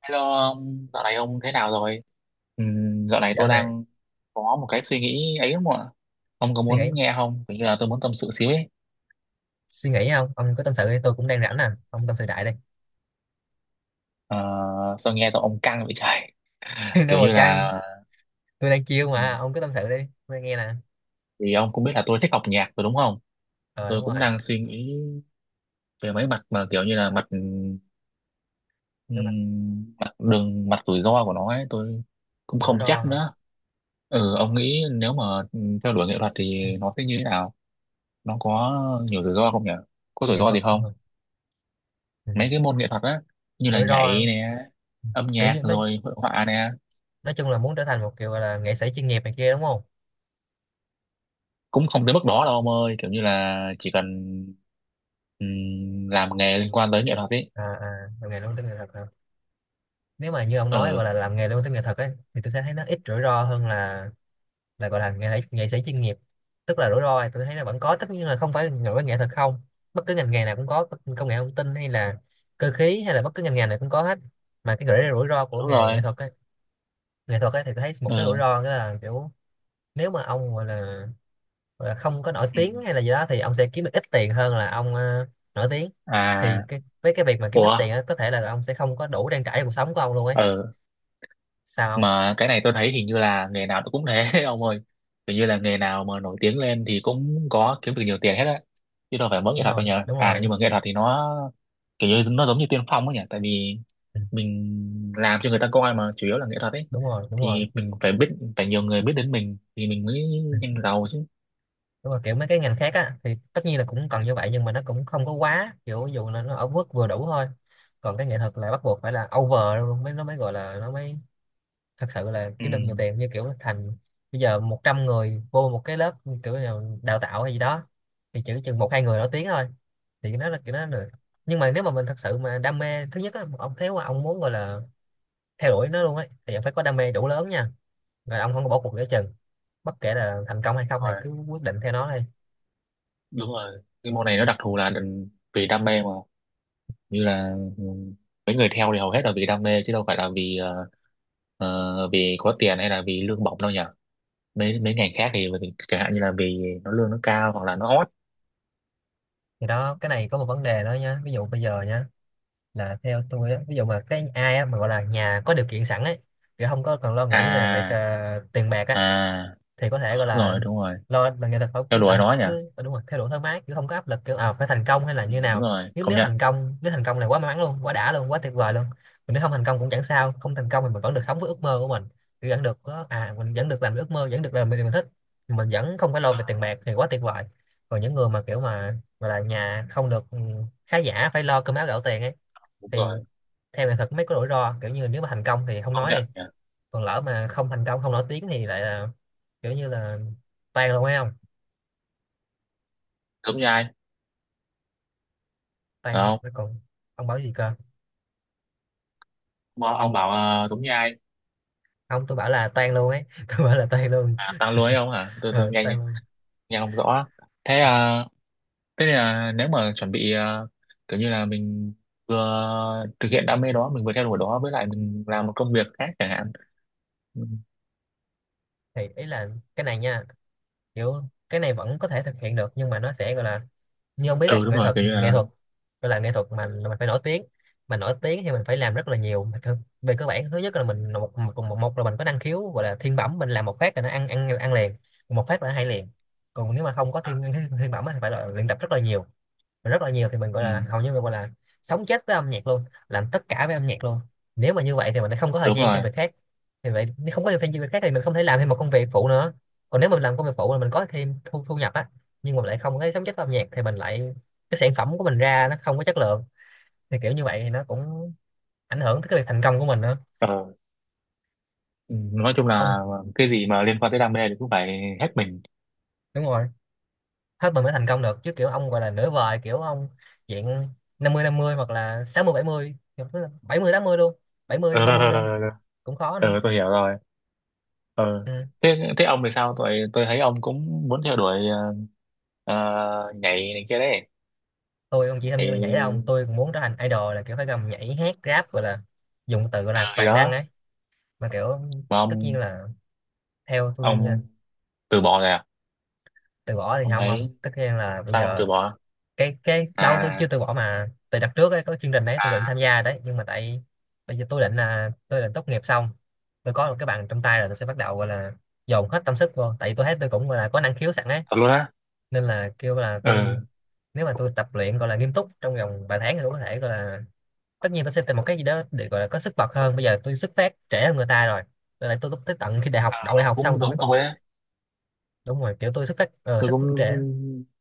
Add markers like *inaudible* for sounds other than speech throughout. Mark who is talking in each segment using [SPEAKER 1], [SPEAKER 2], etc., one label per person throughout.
[SPEAKER 1] Hello ông, dạo này ông thế nào rồi? Dạo này tôi
[SPEAKER 2] Dạo này
[SPEAKER 1] đang có một cái suy nghĩ ấy không ạ? Ông có
[SPEAKER 2] suy nghĩ
[SPEAKER 1] muốn nghe không? Kiểu như là tôi muốn tâm sự xíu ấy.
[SPEAKER 2] suy nghĩ không? Ông cứ tâm sự đi, tôi cũng đang rảnh nè, ông tâm sự đại đi.
[SPEAKER 1] Ờ, sao nghe giọng ông căng vậy trời?
[SPEAKER 2] *laughs*
[SPEAKER 1] Kiểu
[SPEAKER 2] Đâu mà
[SPEAKER 1] như
[SPEAKER 2] căng,
[SPEAKER 1] là
[SPEAKER 2] tôi đang chiêu mà,
[SPEAKER 1] ừm,
[SPEAKER 2] ông cứ tâm sự đi, tôi nghe nè.
[SPEAKER 1] vì ông cũng biết là tôi thích học nhạc rồi đúng không?
[SPEAKER 2] Ờ,
[SPEAKER 1] Tôi
[SPEAKER 2] đúng
[SPEAKER 1] cũng
[SPEAKER 2] rồi.
[SPEAKER 1] đang suy nghĩ về mấy mặt mà kiểu như là mặt
[SPEAKER 2] Nếu mà
[SPEAKER 1] mặt đường mặt rủi ro của nó ấy, tôi cũng
[SPEAKER 2] rủi
[SPEAKER 1] không
[SPEAKER 2] ro
[SPEAKER 1] chắc
[SPEAKER 2] hả?
[SPEAKER 1] nữa. Ừ, ông nghĩ nếu mà theo đuổi nghệ thuật
[SPEAKER 2] Ừ,
[SPEAKER 1] thì nó sẽ như thế nào? Nó có nhiều rủi ro không nhỉ? Có rủi
[SPEAKER 2] nghệ
[SPEAKER 1] ro gì
[SPEAKER 2] thuật,
[SPEAKER 1] không?
[SPEAKER 2] ừ. Ừ.
[SPEAKER 1] Mấy cái môn nghệ thuật á, như là
[SPEAKER 2] Rủi
[SPEAKER 1] nhảy
[SPEAKER 2] ro
[SPEAKER 1] nè, âm
[SPEAKER 2] kiểu
[SPEAKER 1] nhạc
[SPEAKER 2] như nói
[SPEAKER 1] rồi hội họa nè.
[SPEAKER 2] nói chung là muốn trở thành một kiểu gọi là nghệ sĩ chuyên nghiệp này kia đúng không?
[SPEAKER 1] Cũng không tới mức đó đâu ông ơi, kiểu như là chỉ cần làm nghề liên quan tới nghệ thuật ấy.
[SPEAKER 2] À, làm nghề luôn tới nghệ thuật hả? Nếu mà như ông nói
[SPEAKER 1] Ừ,
[SPEAKER 2] gọi là làm nghề luôn tới nghệ thuật ấy thì tôi sẽ thấy nó ít rủi ro hơn là gọi là nghệ sĩ chuyên nghiệp. Tức là rủi ro thì tôi thấy nó vẫn có, tất nhiên là không phải nổi nghệ thuật không, bất cứ ngành nghề nào cũng có, công nghệ thông tin hay là cơ khí hay là bất cứ ngành nghề nào cũng có hết. Mà cái gọi rủi ro của
[SPEAKER 1] đúng
[SPEAKER 2] nghề nghệ
[SPEAKER 1] rồi.
[SPEAKER 2] thuật ấy, thì tôi thấy một cái rủi
[SPEAKER 1] Ừ.
[SPEAKER 2] ro đó là kiểu nếu mà ông gọi là không có nổi
[SPEAKER 1] Ừ.
[SPEAKER 2] tiếng hay là gì đó thì ông sẽ kiếm được ít tiền hơn là ông, nổi tiếng. Thì
[SPEAKER 1] À.
[SPEAKER 2] cái với cái việc mà kiếm ít
[SPEAKER 1] Ủa.
[SPEAKER 2] tiền á, có thể là ông sẽ không có đủ trang trải cuộc sống của ông luôn ấy,
[SPEAKER 1] Ừ,
[SPEAKER 2] sao không?
[SPEAKER 1] mà cái này tôi thấy hình như là nghề nào nó cũng thế *laughs* ông ơi. Hình như là nghề nào mà nổi tiếng lên thì cũng có kiếm được nhiều tiền hết á, chứ đâu phải mỗi nghệ
[SPEAKER 2] Đúng
[SPEAKER 1] thuật
[SPEAKER 2] rồi,
[SPEAKER 1] đâu nhờ.
[SPEAKER 2] đúng
[SPEAKER 1] À
[SPEAKER 2] rồi.
[SPEAKER 1] nhưng mà nghệ thuật thì nó kiểu như nó giống như tiên phong ấy nhỉ, tại vì
[SPEAKER 2] Ừ,
[SPEAKER 1] mình làm cho người ta coi mà chủ yếu là nghệ thuật ấy,
[SPEAKER 2] đúng rồi, đúng rồi.
[SPEAKER 1] thì mình phải biết, phải nhiều người biết đến mình thì mình mới nhanh giàu chứ.
[SPEAKER 2] Đúng rồi, kiểu mấy cái ngành khác á thì tất nhiên là cũng cần như vậy, nhưng mà nó cũng không có quá kiểu, ví dụ là nó ở mức vừa đủ thôi, còn cái nghệ thuật là bắt buộc phải là over luôn mới, nó mới gọi là, nó mới thật sự là
[SPEAKER 1] Ừ.
[SPEAKER 2] kiếm được nhiều tiền, như kiểu thành bây giờ 100 người vô một cái lớp kiểu là đào tạo hay gì đó thì chỉ chừng một hai người nổi tiếng thôi. Thì nó là kiểu, nó là, nhưng mà nếu mà mình thật sự mà đam mê thứ nhất á ông, nếu mà ông muốn gọi là theo đuổi nó luôn ấy thì ông phải có đam mê đủ lớn nha, rồi ông không có bỏ cuộc giữa chừng, bất kể là thành công hay không thì
[SPEAKER 1] Rồi,
[SPEAKER 2] cứ quyết định theo nó đi.
[SPEAKER 1] đúng rồi, cái môn này nó đặc thù là đừng- vì đam mê mà, như là ừ, mấy người theo thì hầu hết là vì đam mê chứ đâu phải là vì vì có tiền hay là vì lương bổng đâu nhỉ. Mấy mấy ngành khác thì vì- chẳng hạn như là vì nó lương nó cao hoặc là nó hot.
[SPEAKER 2] Thì đó, cái này có một vấn đề đó nhá, ví dụ bây giờ nhá, là theo tôi á, ví dụ mà cái ai á mà gọi là nhà có điều kiện sẵn ấy thì không có cần lo nghĩ về việc
[SPEAKER 1] À.
[SPEAKER 2] tiền bạc á,
[SPEAKER 1] À.
[SPEAKER 2] thì có thể
[SPEAKER 1] Ừ,
[SPEAKER 2] gọi
[SPEAKER 1] đúng
[SPEAKER 2] là
[SPEAKER 1] rồi, đúng rồi,
[SPEAKER 2] lo mà nghệ thuật, phải cứ
[SPEAKER 1] theo đuổi nó nhỉ.
[SPEAKER 2] đúng rồi, theo đuổi thoải mái chứ không có áp lực kiểu phải thành công hay là
[SPEAKER 1] Ừ,
[SPEAKER 2] như
[SPEAKER 1] đúng
[SPEAKER 2] nào.
[SPEAKER 1] rồi
[SPEAKER 2] nếu
[SPEAKER 1] công
[SPEAKER 2] nếu thành
[SPEAKER 1] nhận.
[SPEAKER 2] công nếu thành công là quá may mắn luôn, quá đã luôn, quá tuyệt vời luôn. Còn nếu không thành công cũng chẳng sao, không thành công thì mình vẫn được sống với ước mơ của mình. Kiểu vẫn được có à, mình vẫn được làm ước mơ, vẫn được làm điều mình thích, mình vẫn không phải lo về tiền bạc thì quá tuyệt vời. Còn những người mà kiểu mà gọi là nhà không được, khá giả, phải lo cơm áo gạo tiền ấy,
[SPEAKER 1] Đúng
[SPEAKER 2] thì
[SPEAKER 1] rồi,
[SPEAKER 2] theo nghệ thuật mới có rủi ro, kiểu như nếu mà thành công thì không
[SPEAKER 1] công
[SPEAKER 2] nói đi,
[SPEAKER 1] nhận nhỉ.
[SPEAKER 2] còn lỡ mà không thành công, không nổi tiếng thì lại là kiểu như là tan luôn ấy không?
[SPEAKER 1] Giống như ai,
[SPEAKER 2] Tan
[SPEAKER 1] phải
[SPEAKER 2] luôn
[SPEAKER 1] không?
[SPEAKER 2] nó còn. Ông bảo gì cơ?
[SPEAKER 1] Ông bảo giống như ai?
[SPEAKER 2] Không, tôi bảo là tan luôn ấy. *laughs* Tôi bảo là tan luôn.
[SPEAKER 1] À, tăng lưới ông hả? Tôi
[SPEAKER 2] Ờ,
[SPEAKER 1] nghe,
[SPEAKER 2] tan luôn.
[SPEAKER 1] nghe không rõ. Thế thế là nếu mà chuẩn bị kiểu như là mình vừa thực hiện đam mê đó, mình vừa theo đuổi đó với lại mình làm một công việc khác chẳng hạn. Ừ.
[SPEAKER 2] Thì ý là cái này nha, kiểu cái này vẫn có thể thực hiện được nhưng mà nó sẽ gọi là, như ông biết ấy,
[SPEAKER 1] Ừ, đúng
[SPEAKER 2] nghệ
[SPEAKER 1] rồi,
[SPEAKER 2] thuật
[SPEAKER 1] kiểu như
[SPEAKER 2] nghệ
[SPEAKER 1] là
[SPEAKER 2] thuật gọi là nghệ thuật mà mình phải nổi tiếng, mà nổi tiếng thì mình phải làm rất là nhiều. Về cơ bản thứ nhất là mình là một là mình có năng khiếu gọi là thiên bẩm, mình làm một phát là nó ăn ăn ăn liền, một phát là nó hay liền. Còn nếu mà không có thiên thiên, thiên bẩm á thì phải là luyện tập rất là nhiều, rất là nhiều, thì mình gọi
[SPEAKER 1] ừ,
[SPEAKER 2] là hầu như mình gọi là sống chết với âm nhạc luôn, làm tất cả với âm nhạc luôn. Nếu mà như vậy thì mình lại không có thời
[SPEAKER 1] đúng
[SPEAKER 2] gian
[SPEAKER 1] rồi.
[SPEAKER 2] cho việc khác. Thì vậy nếu không có thời gian cho việc khác thì mình không thể làm thêm một công việc phụ nữa, còn nếu mình làm công việc phụ là mình có thêm thu thu nhập á, nhưng mà lại không có sống chết với âm nhạc thì mình lại, cái sản phẩm của mình ra nó không có chất lượng, thì kiểu như vậy thì nó cũng ảnh hưởng tới cái việc thành công của mình nữa,
[SPEAKER 1] Ờ, ừ, nói chung
[SPEAKER 2] ông.
[SPEAKER 1] là cái gì mà liên quan tới đam mê thì cũng phải hết mình.
[SPEAKER 2] Đúng rồi, hết mình mới thành công được chứ, kiểu ông gọi là nửa vời, kiểu ông diện 50 50 hoặc là sáu mươi mươi bảy mươi, bảy mươi tám mươi luôn, bảy mươi
[SPEAKER 1] Ờ,
[SPEAKER 2] ba
[SPEAKER 1] rồi,
[SPEAKER 2] mươi
[SPEAKER 1] rồi,
[SPEAKER 2] luôn,
[SPEAKER 1] rồi, rồi.
[SPEAKER 2] cũng khó
[SPEAKER 1] Ờ,
[SPEAKER 2] nữa.
[SPEAKER 1] tôi hiểu rồi. Ờ.
[SPEAKER 2] Ừ.
[SPEAKER 1] Thế, thế ông thì sao? Tôi thấy ông cũng muốn theo đuổi nhảy này kia đấy,
[SPEAKER 2] Tôi không chỉ tham gia nhảy đâu ông,
[SPEAKER 1] nhảy
[SPEAKER 2] tôi cũng muốn trở thành idol, là kiểu phải gầm nhảy hát rap, gọi là dùng từ gọi là
[SPEAKER 1] gì
[SPEAKER 2] toàn năng
[SPEAKER 1] đó
[SPEAKER 2] ấy, mà kiểu,
[SPEAKER 1] mà
[SPEAKER 2] tất nhiên
[SPEAKER 1] ông
[SPEAKER 2] là theo tôi nha,
[SPEAKER 1] ông từ bỏ rồi à?
[SPEAKER 2] từ bỏ thì
[SPEAKER 1] Ông
[SPEAKER 2] không, không,
[SPEAKER 1] thấy
[SPEAKER 2] tất nhiên là bây
[SPEAKER 1] sao ông từ
[SPEAKER 2] giờ
[SPEAKER 1] bỏ?
[SPEAKER 2] cái đâu, tôi
[SPEAKER 1] À,
[SPEAKER 2] chưa từ bỏ mà, từ đợt trước ấy có chương trình đấy tôi định tham gia đấy nhưng mà tại bây giờ tôi định là, tôi định tốt nghiệp xong, tôi có một cái bằng trong tay rồi tôi sẽ bắt đầu gọi là dồn hết tâm sức vô, tại vì tôi thấy tôi cũng gọi là có năng khiếu sẵn ấy,
[SPEAKER 1] thật luôn á?
[SPEAKER 2] nên là kêu là tôi,
[SPEAKER 1] Ờ.
[SPEAKER 2] nếu mà tôi tập luyện gọi là nghiêm túc trong vòng vài tháng thì tôi có thể gọi là, tất nhiên tôi sẽ tìm một cái gì đó để gọi là có sức bật hơn, bây giờ tôi xuất phát trễ hơn người ta rồi, nên là tôi lúc tới tận khi đại học,
[SPEAKER 1] À.
[SPEAKER 2] đậu đại
[SPEAKER 1] Ờ,
[SPEAKER 2] học xong
[SPEAKER 1] cũng
[SPEAKER 2] tôi mới
[SPEAKER 1] giống tôi á.
[SPEAKER 2] đúng rồi, kiểu tôi xuất phát,
[SPEAKER 1] Tôi
[SPEAKER 2] xuất
[SPEAKER 1] cũng
[SPEAKER 2] phát trễ.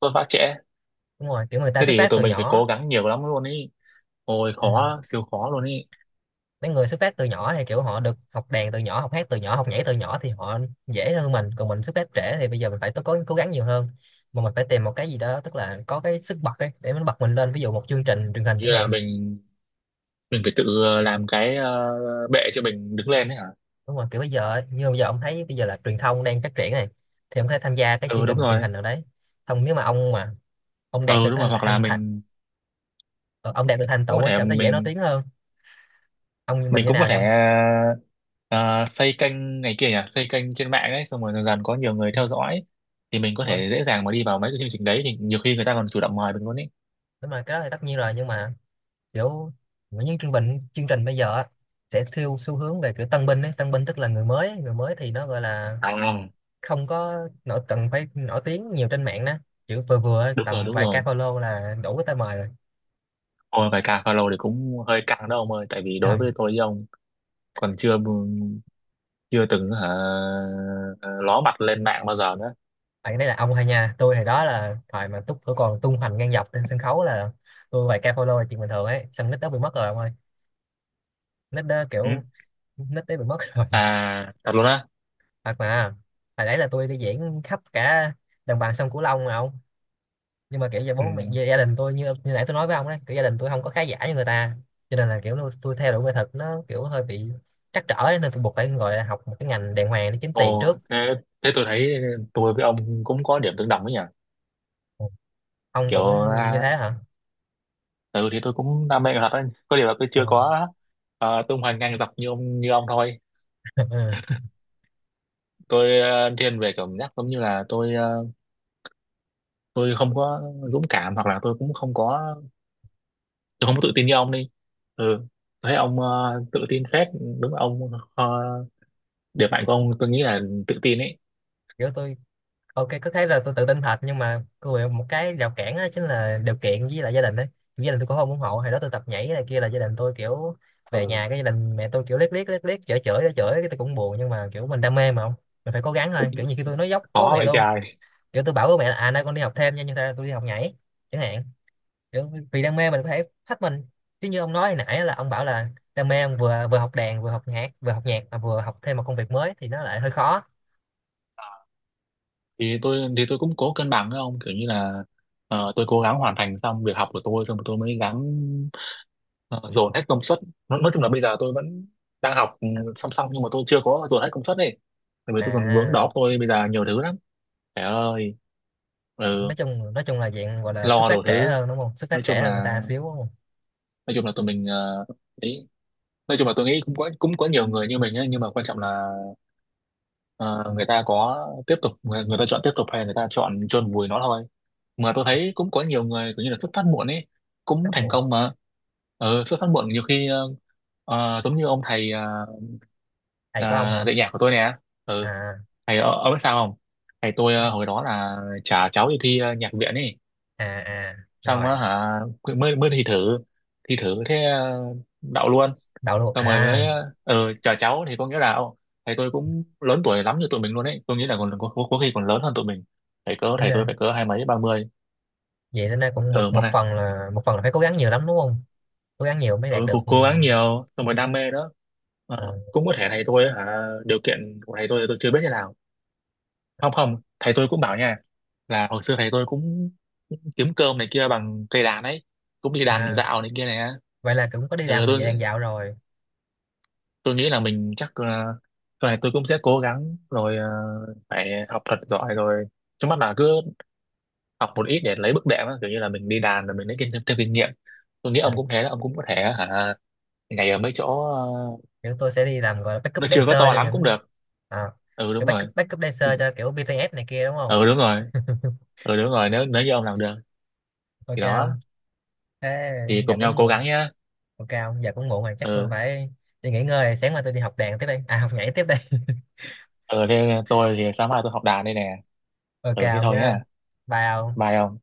[SPEAKER 1] tôi phá trễ.
[SPEAKER 2] Đúng rồi, kiểu người ta
[SPEAKER 1] Thế
[SPEAKER 2] xuất
[SPEAKER 1] thì
[SPEAKER 2] phát
[SPEAKER 1] tụi
[SPEAKER 2] từ
[SPEAKER 1] mình phải
[SPEAKER 2] nhỏ.
[SPEAKER 1] cố gắng nhiều lắm luôn ý, ôi
[SPEAKER 2] Ừ.
[SPEAKER 1] khó siêu khó luôn ý.
[SPEAKER 2] Mấy người xuất phát từ nhỏ thì kiểu họ được học đàn từ nhỏ, học hát từ nhỏ, học nhảy từ nhỏ, thì họ dễ hơn mình, còn mình xuất phát trễ thì bây giờ mình phải, tôi có cố gắng nhiều hơn, mà mình phải tìm một cái gì đó tức là có cái sức bật ấy để mình bật mình lên, ví dụ một chương trình truyền hình chẳng
[SPEAKER 1] Như là
[SPEAKER 2] hạn.
[SPEAKER 1] mình phải tự làm cái bệ cho mình đứng lên đấy hả?
[SPEAKER 2] Đúng rồi, kiểu bây giờ ấy, như bây giờ ông thấy bây giờ là truyền thông đang phát triển này, thì ông có thể tham gia cái chương
[SPEAKER 1] Ừ, đúng
[SPEAKER 2] trình truyền
[SPEAKER 1] rồi.
[SPEAKER 2] hình nào đấy, không nếu mà ông đạt
[SPEAKER 1] Ừ
[SPEAKER 2] được
[SPEAKER 1] đúng rồi,
[SPEAKER 2] thành
[SPEAKER 1] hoặc là
[SPEAKER 2] thành thành
[SPEAKER 1] mình
[SPEAKER 2] ờ, ông đạt được thành
[SPEAKER 1] cũng có
[SPEAKER 2] tựu ấy
[SPEAKER 1] thể
[SPEAKER 2] cảm thấy dễ nói
[SPEAKER 1] mình
[SPEAKER 2] tiếng hơn. Ông như mình
[SPEAKER 1] mình
[SPEAKER 2] như
[SPEAKER 1] cũng có
[SPEAKER 2] nào
[SPEAKER 1] thể
[SPEAKER 2] nhau.
[SPEAKER 1] ờ, xây kênh này kia nhỉ, xây kênh trên mạng ấy, xong rồi dần dần có nhiều người
[SPEAKER 2] Ừ,
[SPEAKER 1] theo dõi thì mình có
[SPEAKER 2] đúng rồi,
[SPEAKER 1] thể dễ dàng mà đi vào mấy cái chương trình đấy, thì nhiều khi người ta còn chủ động mời mình luôn ý.
[SPEAKER 2] đúng rồi cái đó thì tất nhiên rồi, nhưng mà kiểu những chương trình bây giờ á, sẽ theo xu hướng về kiểu tân binh ấy, tân binh tức là người mới ấy. Người mới thì nó gọi là
[SPEAKER 1] À,
[SPEAKER 2] không có nổi, cần phải nổi tiếng nhiều trên mạng đó, kiểu vừa vừa ấy,
[SPEAKER 1] đúng rồi,
[SPEAKER 2] tầm
[SPEAKER 1] đúng
[SPEAKER 2] vài ca
[SPEAKER 1] rồi.
[SPEAKER 2] follow là đủ cái tay mời rồi.
[SPEAKER 1] Ôi bài ca follow thì cũng hơi căng đó ông ơi, tại vì đối
[SPEAKER 2] Trời,
[SPEAKER 1] với tôi với ông còn chưa, chưa từng hả, ló mặt lên mạng bao giờ nữa.
[SPEAKER 2] bạn đấy là ông hay nha, tôi thì đó là thời mà túc tôi còn tung hoành ngang dọc trên sân khấu là tôi vài ca follow là chuyện bình thường ấy, xong nick đó bị mất rồi ông ơi, nick đó
[SPEAKER 1] Ừ.
[SPEAKER 2] kiểu, nick đấy bị mất rồi.
[SPEAKER 1] À thật luôn á.
[SPEAKER 2] Thật mà, hồi đấy là tôi đi diễn khắp cả đồng bằng sông Cửu Long mà ông, nhưng mà kiểu giờ
[SPEAKER 1] Ừ.
[SPEAKER 2] bố mẹ gia gia đình tôi như, như nãy tôi nói với ông đấy, kiểu gia đình tôi không có khá giả như người ta, cho nên là kiểu tôi theo đuổi nghệ thuật nó kiểu hơi bị trắc trở ấy, nên tôi buộc phải gọi là học một cái ngành đàng hoàng để kiếm tiền
[SPEAKER 1] Ồ
[SPEAKER 2] trước.
[SPEAKER 1] thế, thế tôi thấy tôi với ông cũng có điểm tương đồng ấy nhỉ,
[SPEAKER 2] Ông
[SPEAKER 1] kiểu
[SPEAKER 2] cũng như
[SPEAKER 1] à,
[SPEAKER 2] thế hả?
[SPEAKER 1] ừ thì tôi cũng đam mê nghệ thuật ấy, có điều là tôi
[SPEAKER 2] Ờ.
[SPEAKER 1] chưa có tung hoành ngang dọc như ông, thôi
[SPEAKER 2] *laughs* Ừ.
[SPEAKER 1] tôi thiên về cảm giác giống như là tôi tôi không có dũng cảm, hoặc là tôi cũng không có, tôi không có tự tin như ông đi. Ừ, tôi thấy ông tự tin phết. Đúng là ông ờ, điểm mạnh của ông tôi nghĩ là tự tin ấy.
[SPEAKER 2] Kiểu tôi, ok có thấy là tôi tự tin thật nhưng mà cô bị một cái rào cản đó chính là điều kiện với lại gia đình đấy. Gia đình tôi cũng không ủng hộ, hồi đó tôi tập nhảy này kia là gia đình tôi kiểu, về
[SPEAKER 1] Ừ.
[SPEAKER 2] nhà cái gia đình mẹ tôi kiểu liếc liếc liếc liếc, chửi chửi chửi, cái tôi cũng buồn, nhưng mà kiểu mình đam mê mà, không mình phải cố gắng thôi, kiểu như khi tôi nói dốc với bố
[SPEAKER 1] Khó
[SPEAKER 2] mẹ
[SPEAKER 1] vậy
[SPEAKER 2] luôn,
[SPEAKER 1] trời.
[SPEAKER 2] kiểu tôi bảo bố mẹ là à nay con đi học thêm nha nhưng thật ra tôi đi học nhảy chẳng hạn, kiểu vì đam mê mình có thể thách mình, chứ như ông nói hồi nãy là ông bảo là đam mê, ông vừa vừa học đàn vừa học nhạc mà vừa học thêm một công việc mới thì nó lại hơi khó.
[SPEAKER 1] Thì tôi cũng cố cân bằng với ông kiểu như là tôi cố gắng hoàn thành xong việc học của tôi xong rồi tôi mới gắng ờ, dồn hết công suất. Nói chung là bây giờ tôi vẫn đang học ừ, song song, nhưng mà tôi chưa có dồn hết công suất ấy, tại vì tôi còn vướng
[SPEAKER 2] À,
[SPEAKER 1] đó, tôi bây giờ nhiều thứ lắm. Trời ơi. Ừ,
[SPEAKER 2] nói chung là dạng gọi là xuất
[SPEAKER 1] lo
[SPEAKER 2] phát
[SPEAKER 1] đủ
[SPEAKER 2] trễ
[SPEAKER 1] thứ.
[SPEAKER 2] hơn đúng không, xuất
[SPEAKER 1] nói
[SPEAKER 2] phát trễ
[SPEAKER 1] chung
[SPEAKER 2] hơn người
[SPEAKER 1] là
[SPEAKER 2] ta xíu đúng không?
[SPEAKER 1] nói chung là tụi mình ấy. Nói chung là tôi nghĩ cũng có, cũng có nhiều người như mình ấy, nhưng mà quan trọng là ờ, người ta có tiếp tục, người ta chọn tiếp tục hay người ta chọn chôn vùi nó thôi. Mà tôi thấy cũng có nhiều người kiểu như là xuất phát muộn ấy
[SPEAKER 2] Xuất
[SPEAKER 1] cũng
[SPEAKER 2] phát
[SPEAKER 1] thành
[SPEAKER 2] muộn,
[SPEAKER 1] công mà. Ừ, xuất phát muộn nhiều khi giống như ông thầy
[SPEAKER 2] thầy
[SPEAKER 1] ờ,
[SPEAKER 2] của ông hả?
[SPEAKER 1] dạy nhạc của tôi nè. Ừ,
[SPEAKER 2] À,
[SPEAKER 1] thầy ông biết sao không, thầy tôi hồi đó là trả cháu đi thi nhạc viện ấy.
[SPEAKER 2] à, à,
[SPEAKER 1] Xong
[SPEAKER 2] rồi.
[SPEAKER 1] á hả, mới mới thi thử, thi thử thế đậu luôn.
[SPEAKER 2] Đậu luôn
[SPEAKER 1] Xong rồi mới
[SPEAKER 2] à?
[SPEAKER 1] ờ chào cháu thì có nghĩa là ô, thầy tôi cũng lớn tuổi lắm như tụi mình luôn ấy, tôi nghĩ là còn có khi còn lớn hơn tụi mình. Thầy cỡ,
[SPEAKER 2] Tính
[SPEAKER 1] thầy tôi
[SPEAKER 2] ra,
[SPEAKER 1] phải cỡ hai mấy ba mươi.
[SPEAKER 2] vậy tính ra cũng một
[SPEAKER 1] Ờ một
[SPEAKER 2] một
[SPEAKER 1] này.
[SPEAKER 2] phần là, một phần là phải cố gắng nhiều lắm đúng không, cố gắng nhiều mới đạt
[SPEAKER 1] Ừ
[SPEAKER 2] được,
[SPEAKER 1] cố, cố gắng nhiều xong rồi đam mê đó.
[SPEAKER 2] ờ.
[SPEAKER 1] Ờ, cũng có thể thầy tôi hả, điều kiện của thầy tôi thì tôi chưa biết như nào. Không không, thầy tôi cũng bảo nha, là hồi xưa thầy tôi cũng kiếm cơm này kia bằng cây đàn ấy, cũng đi đàn
[SPEAKER 2] À,
[SPEAKER 1] dạo này kia này á.
[SPEAKER 2] vậy là cũng có đi
[SPEAKER 1] Ừ,
[SPEAKER 2] làm về
[SPEAKER 1] tôi
[SPEAKER 2] đàn dạo rồi.
[SPEAKER 1] tôi nghĩ là mình chắc là sau này tôi cũng sẽ cố gắng rồi phải học thật giỏi rồi, trước mắt là cứ học một ít để lấy bước đệm á, kiểu như là mình đi đàn rồi mình lấy kinh thêm, thêm kinh nghiệm. Tôi nghĩ
[SPEAKER 2] à,
[SPEAKER 1] ông cũng thế đó, ông cũng có thể hả ngày ở mấy chỗ
[SPEAKER 2] Kiểu tôi sẽ đi làm gọi là backup
[SPEAKER 1] nó chưa
[SPEAKER 2] dancer
[SPEAKER 1] có to
[SPEAKER 2] cho
[SPEAKER 1] lắm cũng
[SPEAKER 2] những,
[SPEAKER 1] được.
[SPEAKER 2] à,
[SPEAKER 1] Ừ đúng
[SPEAKER 2] kiểu
[SPEAKER 1] rồi.
[SPEAKER 2] backup backup dancer cho kiểu BTS này kia đúng không?
[SPEAKER 1] Ừ đúng rồi.
[SPEAKER 2] *laughs*
[SPEAKER 1] Ừ đúng rồi, nếu nếu như ông làm được
[SPEAKER 2] Ok
[SPEAKER 1] thì đó,
[SPEAKER 2] không? Thế
[SPEAKER 1] thì
[SPEAKER 2] giờ
[SPEAKER 1] cùng nhau
[SPEAKER 2] cũng
[SPEAKER 1] cố gắng
[SPEAKER 2] muộn,
[SPEAKER 1] nhá.
[SPEAKER 2] ok ông giờ cũng muộn rồi chắc tôi
[SPEAKER 1] Ừ.
[SPEAKER 2] phải đi nghỉ ngơi, sáng mai tôi đi học đàn tiếp đây, à học nhảy tiếp đây.
[SPEAKER 1] Ừ thế tôi thì sáng mai tôi học đàn đây nè.
[SPEAKER 2] *laughs* Ok
[SPEAKER 1] Ừ thế
[SPEAKER 2] ông
[SPEAKER 1] thôi nhá,
[SPEAKER 2] nha, bye ông.
[SPEAKER 1] bye ông.